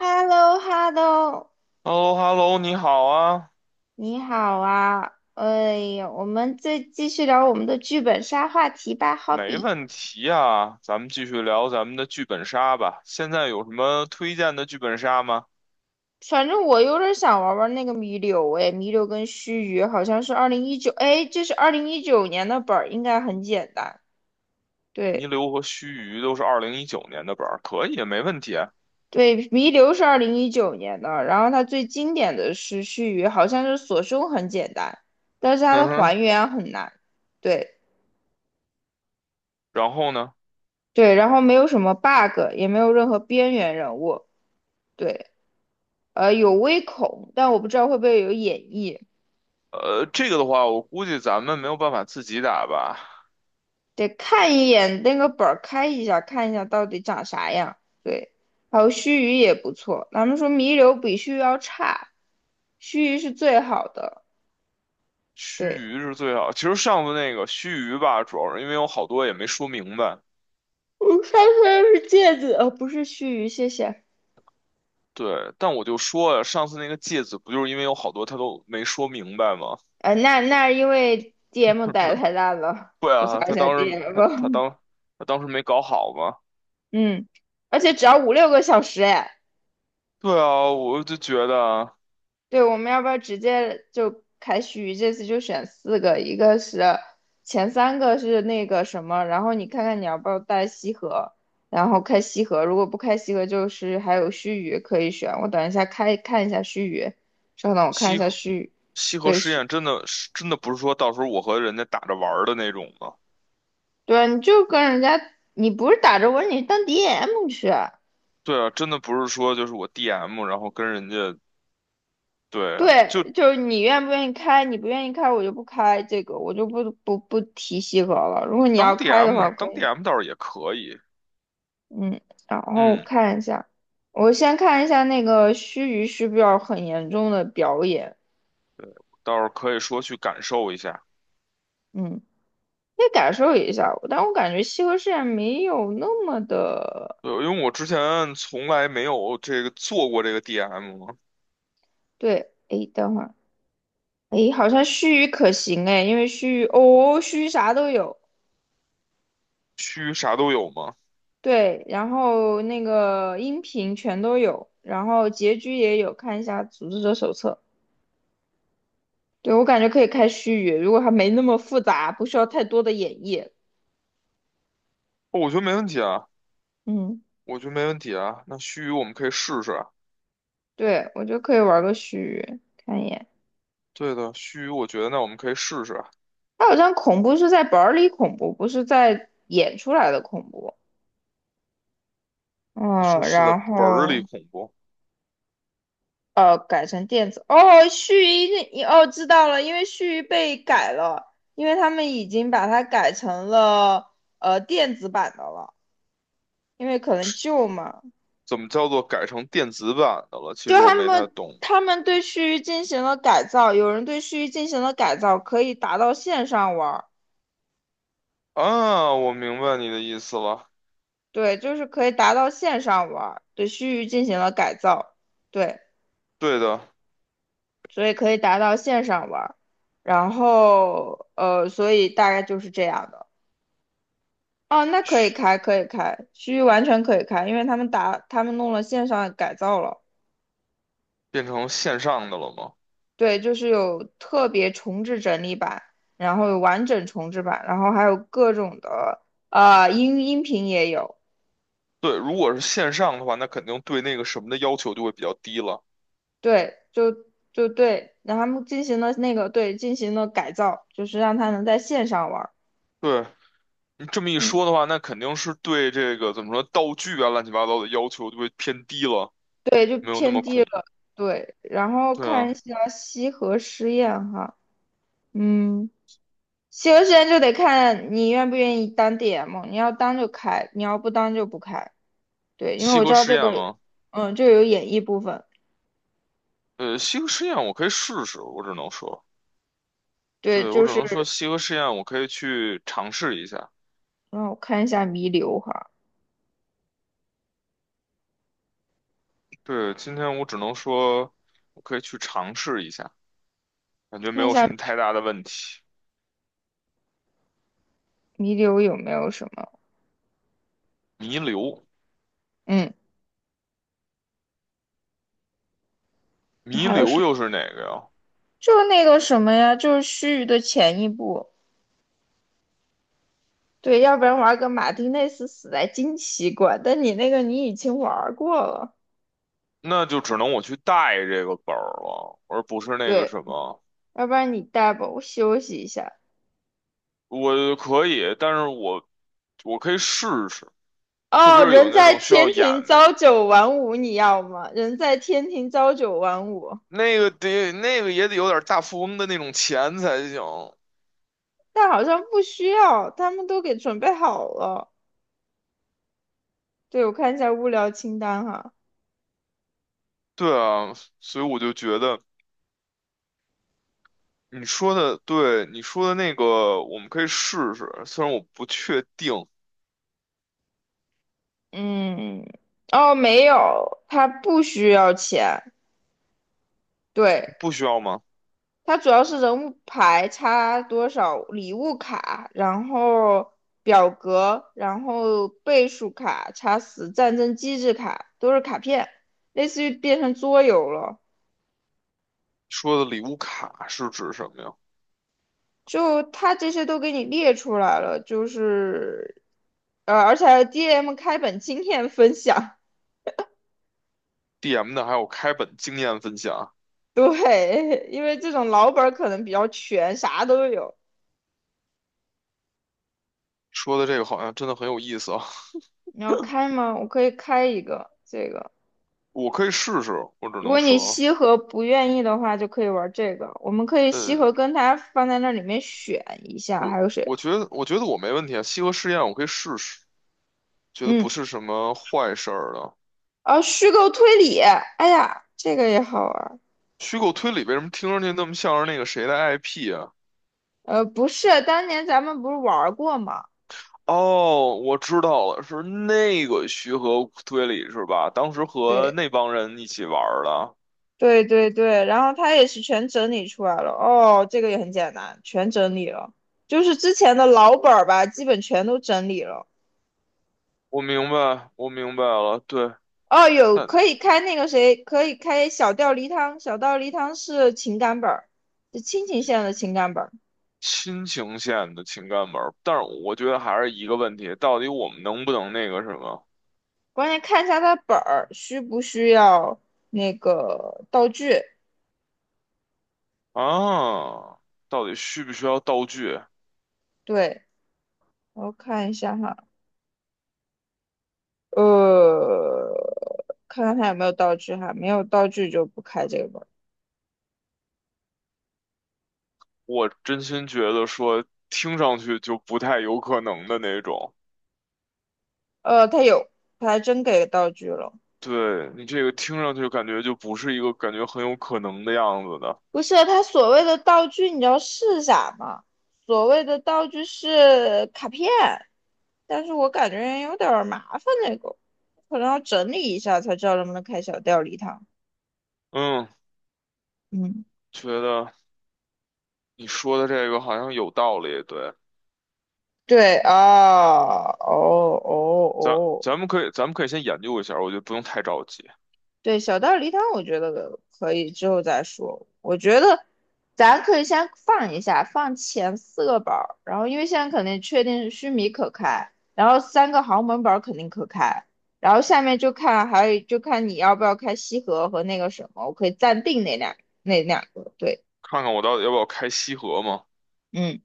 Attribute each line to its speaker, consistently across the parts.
Speaker 1: h e l l o h e l l o
Speaker 2: h e l l o h e l l o 你好啊，
Speaker 1: 你好啊！哎呀，我们再继续聊我们的剧本杀话题吧。好
Speaker 2: 没
Speaker 1: 比，
Speaker 2: 问题啊，咱们继续聊咱们的剧本杀吧。现在有什么推荐的剧本杀吗？
Speaker 1: 反正我有点想玩玩那个弥留，哎，弥留跟须臾好像是二零一九，哎，这是二零一九年的本儿，应该很简单。
Speaker 2: 泥
Speaker 1: 对
Speaker 2: 流》和须臾都是二零一九年的本儿，可以，没问题啊。
Speaker 1: 对，弥留是二零一九年的，然后它最经典的是须臾，好像是锁胸很简单，但是它
Speaker 2: 嗯
Speaker 1: 的还
Speaker 2: 哼，
Speaker 1: 原很难。对
Speaker 2: 然后呢？
Speaker 1: 对，然后没有什么 bug，也没有任何边缘人物。对。有微恐，但我不知道会不会有演绎，
Speaker 2: 这个的话，我估计咱们没有办法自己打吧。
Speaker 1: 得看一眼那个本儿，开一下，看一下到底长啥样。对，还有须臾也不错，咱们说弥留比须臾要差，须臾是最好的。
Speaker 2: 须
Speaker 1: 对，
Speaker 2: 臾是最好，其实上次那个须臾吧，主要是因为有好多也没说明白。
Speaker 1: 我上次是戒指，不是须臾，谢谢。
Speaker 2: 对，但我就说呀，上次那个芥子不就是因为有好多他都没说明白吗？
Speaker 1: 那因为 DM 打的太烂了，
Speaker 2: 对
Speaker 1: 吐
Speaker 2: 啊，
Speaker 1: 槽一
Speaker 2: 他
Speaker 1: 下
Speaker 2: 当时他他
Speaker 1: DM。
Speaker 2: 当他当时没搞好嘛。
Speaker 1: 嗯，而且只要五六个小时，哎。
Speaker 2: 对啊，我就觉得啊。
Speaker 1: 对，我们要不要直接就开许这次就选四个？一个是前三个是那个什么，然后你看看你要不要带西河，然后开西河。如果不开西河，就是还有须臾可以选。我等一下开看一下须臾，稍等我看一
Speaker 2: 西
Speaker 1: 下
Speaker 2: 河
Speaker 1: 须臾。
Speaker 2: 西河
Speaker 1: 对，
Speaker 2: 实验真的是真的不是说到时候我和人家打着玩儿的那种嘛。
Speaker 1: 对啊，你就跟人家，你不是打着我，你当 DM 去啊。
Speaker 2: 对啊，真的不是说就是我 DM，然后跟人家。对啊，就
Speaker 1: 对，就是你愿不愿意开，你不愿意开，我就不开这个，我就不提西河了。如果你要
Speaker 2: 当
Speaker 1: 开的话，
Speaker 2: DM
Speaker 1: 可
Speaker 2: 当
Speaker 1: 以。
Speaker 2: DM 倒是也可以，
Speaker 1: 嗯，然后
Speaker 2: 嗯，
Speaker 1: 看一下，我先看一下那个须臾需不是要很严重的表演，
Speaker 2: 倒是可以说去感受一下。
Speaker 1: 嗯，可以感受一下，但我感觉西河试验没有那么的，
Speaker 2: 对，因为我之前从来没有这个做过这个 DM 嘛，
Speaker 1: 对，诶，等会儿，诶，好像须臾可行诶，因为须臾，哦，须臾啥都有，
Speaker 2: 须啥都有嘛。
Speaker 1: 对，然后那个音频全都有，然后结局也有，看一下组织者手册，对，我感觉可以开须臾，如果它没那么复杂，不需要太多的演绎，
Speaker 2: 哦，我觉得没问题啊，
Speaker 1: 嗯。
Speaker 2: 我觉得没问题啊。那须我们可以试试啊。
Speaker 1: 对，我觉得可以玩个须拟，看一眼。
Speaker 2: 对的，须臾，我觉得那我们可以试试。
Speaker 1: 它好像恐怖是在本儿里恐怖，不是在演出来的恐怖。
Speaker 2: 你
Speaker 1: 嗯，
Speaker 2: 说是在
Speaker 1: 然
Speaker 2: 本儿里
Speaker 1: 后
Speaker 2: 恐怖，
Speaker 1: 改成电子。哦，须臾那你哦知道了，因为须臾被改了，因为他们已经把它改成了电子版的了，因为可能旧嘛，
Speaker 2: 怎么叫做改成电子版的了？其
Speaker 1: 就
Speaker 2: 实我
Speaker 1: 他
Speaker 2: 没太
Speaker 1: 们
Speaker 2: 懂
Speaker 1: 他们对须臾进行了改造，有人对须臾进行了改造，可以达到线上玩儿。
Speaker 2: 啊。我明白你的意思了。
Speaker 1: 对，就是可以达到线上玩儿，对区域进行了改造，对，
Speaker 2: 对的，
Speaker 1: 所以可以达到线上玩儿，然后所以大概就是这样的。哦，那可以
Speaker 2: 嘘，
Speaker 1: 开，可以开，区域完全可以开，因为他们打，他们弄了线上改造了，
Speaker 2: 变成线上的了吗？
Speaker 1: 对，就是有特别重置整理版，然后有完整重置版，然后还有各种的，音频也有，
Speaker 2: 对，如果是线上的话，那肯定对那个什么的要求就会比较低了。
Speaker 1: 对，就对，然后他们进行了那个对进行了改造，就是让他能在线上玩儿
Speaker 2: 对，你这么一
Speaker 1: 嗯，
Speaker 2: 说的话，那肯定是对这个怎么说道具啊、乱七八糟的要求就会偏低了，没有那么恐。
Speaker 1: 对，然后
Speaker 2: 对
Speaker 1: 看一
Speaker 2: 啊，
Speaker 1: 下西河实验哈，嗯，西河实验就得看你愿不愿意当 DM，你要当就开，你要不当就不开。对，因为
Speaker 2: 西
Speaker 1: 我知
Speaker 2: 河
Speaker 1: 道
Speaker 2: 实
Speaker 1: 这
Speaker 2: 验
Speaker 1: 个，
Speaker 2: 吗？
Speaker 1: 嗯，这个有演绎部分。
Speaker 2: 西河实验我可以试试，我只能说。
Speaker 1: 对，
Speaker 2: 对，我
Speaker 1: 就
Speaker 2: 只
Speaker 1: 是
Speaker 2: 能说西河试验，我可以去尝试一下。
Speaker 1: 让我看一下弥留哈，
Speaker 2: 对，今天我只能说，我可以去尝试一下，感觉没
Speaker 1: 看一
Speaker 2: 有什
Speaker 1: 下
Speaker 2: 么太大的问题。
Speaker 1: 弥留有没有什么，
Speaker 2: 弥留，
Speaker 1: 嗯，
Speaker 2: 弥
Speaker 1: 还有什
Speaker 2: 留
Speaker 1: 么？
Speaker 2: 又是哪个呀？
Speaker 1: 就是那个什么呀，就是须臾的前一部。对，要不然玩个马丁内斯死在惊奇馆，但你那个你已经玩过了，
Speaker 2: 那就只能我去带这个本儿了，而不是那个
Speaker 1: 对，
Speaker 2: 什么。
Speaker 1: 要不然你带吧，我休息一下。
Speaker 2: 我可以，但是我可以试试，特别
Speaker 1: 哦，
Speaker 2: 是有
Speaker 1: 人
Speaker 2: 那
Speaker 1: 在
Speaker 2: 种需要
Speaker 1: 天
Speaker 2: 演
Speaker 1: 庭
Speaker 2: 的，
Speaker 1: 朝九晚五，你要吗？人在天庭朝九晚五，
Speaker 2: 那个得那个也得有点大富翁的那种钱才行。
Speaker 1: 但好像不需要，他们都给准备好了。对，我看一下物料清单哈，
Speaker 2: 对啊，所以我就觉得。你说的对，你说的那个我们可以试试，虽然我不确定，
Speaker 1: 嗯，哦，没有，他不需要钱，对，
Speaker 2: 不需要吗？
Speaker 1: 它主要是人物牌差多少，礼物卡，然后表格，然后倍数卡、差死战争机制卡，都是卡片，类似于变成桌游了。
Speaker 2: 说的礼物卡是指什么呀
Speaker 1: 就它这些都给你列出来了，就是，而且还有 DM 开本经验分享。
Speaker 2: ？DM 的还有开本经验分享，
Speaker 1: 对，因为这种老本儿可能比较全，啥都有。
Speaker 2: 说的这个好像真的很有意思啊，
Speaker 1: 你要开吗？我可以开一个这个。
Speaker 2: 我可以试试，我只
Speaker 1: 如
Speaker 2: 能
Speaker 1: 果你
Speaker 2: 说。
Speaker 1: 西河不愿意的话，就可以玩这个。我们可以西
Speaker 2: 呃，
Speaker 1: 河跟他放在那里面选一下，还有
Speaker 2: 我
Speaker 1: 谁？
Speaker 2: 我觉得我觉得我没问题啊，西河试验我可以试试，觉得不
Speaker 1: 嗯，
Speaker 2: 是什么坏事儿的。
Speaker 1: 哦，虚构推理，哎呀，这个也好玩儿。
Speaker 2: 虚构推理为什么听上去那么像是那个谁的 IP 啊？
Speaker 1: 不是，当年咱们不是玩儿过吗？
Speaker 2: 哦，我知道了，是那个徐和推理是吧？当时和
Speaker 1: 对，
Speaker 2: 那帮人一起玩儿的。
Speaker 1: 对对对，然后他也是全整理出来了。哦，这个也很简单，全整理了，就是之前的老本儿吧，基本全都整理了。
Speaker 2: 我明白了。对，
Speaker 1: 哦，有
Speaker 2: 看
Speaker 1: 可以开那个谁，可以开小吊梨汤，小吊梨汤是情感本儿，是亲情线的情感本儿。
Speaker 2: 亲情线的情感本儿，但是我觉得还是一个问题，到底我们能不能那个什么
Speaker 1: 关键看一下它本儿需不需要那个道具。
Speaker 2: 啊？到底需不需要道具？
Speaker 1: 对，我看一下哈，呃，看看它有没有道具哈，没有道具就不开这个本儿。
Speaker 2: 我真心觉得说，听上去就不太有可能的那种。
Speaker 1: 它有，它还真给道具了。
Speaker 2: 对，你这个听上去感觉就不是一个感觉很有可能的样子的。
Speaker 1: 不是，他所谓的道具，你知道是啥吗？所谓的道具是卡片，但是我感觉有点儿麻烦那个，可能要整理一下才知道能不能开小调礼堂。
Speaker 2: 嗯，
Speaker 1: 嗯，
Speaker 2: 觉得。你说的这个好像有道理，对，
Speaker 1: 对啊，哦哦
Speaker 2: 咱咱
Speaker 1: 哦
Speaker 2: 们可以咱们可以先研究一下，我觉得不用太着急，
Speaker 1: 对，小道儿梨汤，我觉得可以之后再说。我觉得咱可以先放一下，放前四个宝儿，然后因为现在肯定确定须弥可开，然后三个豪门宝儿肯定可开，然后下面就看还有就看你要不要开西河和那个什么，我可以暂定那两个。对，
Speaker 2: 看看我到底要不要开西河嘛。
Speaker 1: 嗯，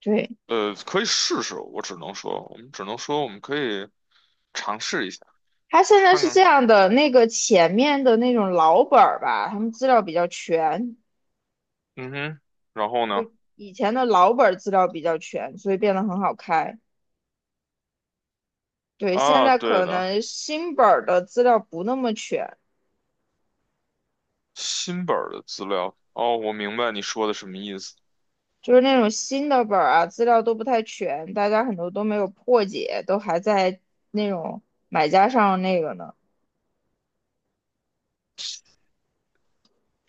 Speaker 1: 对，
Speaker 2: 可以试试，我只能说，我们只能说我们可以尝试一下，
Speaker 1: 他现在
Speaker 2: 看
Speaker 1: 是这
Speaker 2: 看。
Speaker 1: 样的，那个前面的那种老本儿吧，他们资料比较全，
Speaker 2: 嗯哼，然后呢？
Speaker 1: 以前的老本儿资料比较全，所以变得很好开。对，现
Speaker 2: 啊，
Speaker 1: 在
Speaker 2: 对
Speaker 1: 可
Speaker 2: 的，
Speaker 1: 能新本儿的资料不那么全，
Speaker 2: 新本儿的资料，哦，我明白你说的什么意思。
Speaker 1: 就是那种新的本儿啊，资料都不太全，大家很多都没有破解，都还在那种买家上那个呢。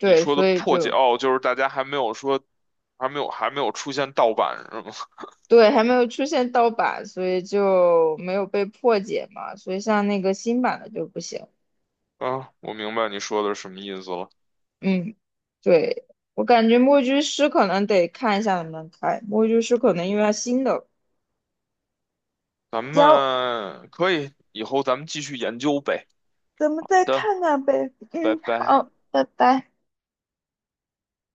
Speaker 2: 你说的
Speaker 1: 所以
Speaker 2: 破解，
Speaker 1: 就
Speaker 2: 哦，就是大家还没有说，还没有出现盗版是吗？
Speaker 1: 对，还没有出现盗版，所以就没有被破解嘛。所以像那个新版的就不行。
Speaker 2: 啊，我明白你说的是什么意思了。
Speaker 1: 嗯，对，我感觉墨居师可能得看一下能不能开，墨居师可能因为它新的。
Speaker 2: 咱
Speaker 1: 行，
Speaker 2: 们可以，以后咱们继续研究呗。
Speaker 1: 咱们
Speaker 2: 好
Speaker 1: 再
Speaker 2: 的，
Speaker 1: 看看呗。
Speaker 2: 拜
Speaker 1: 嗯，
Speaker 2: 拜。
Speaker 1: 好，拜拜。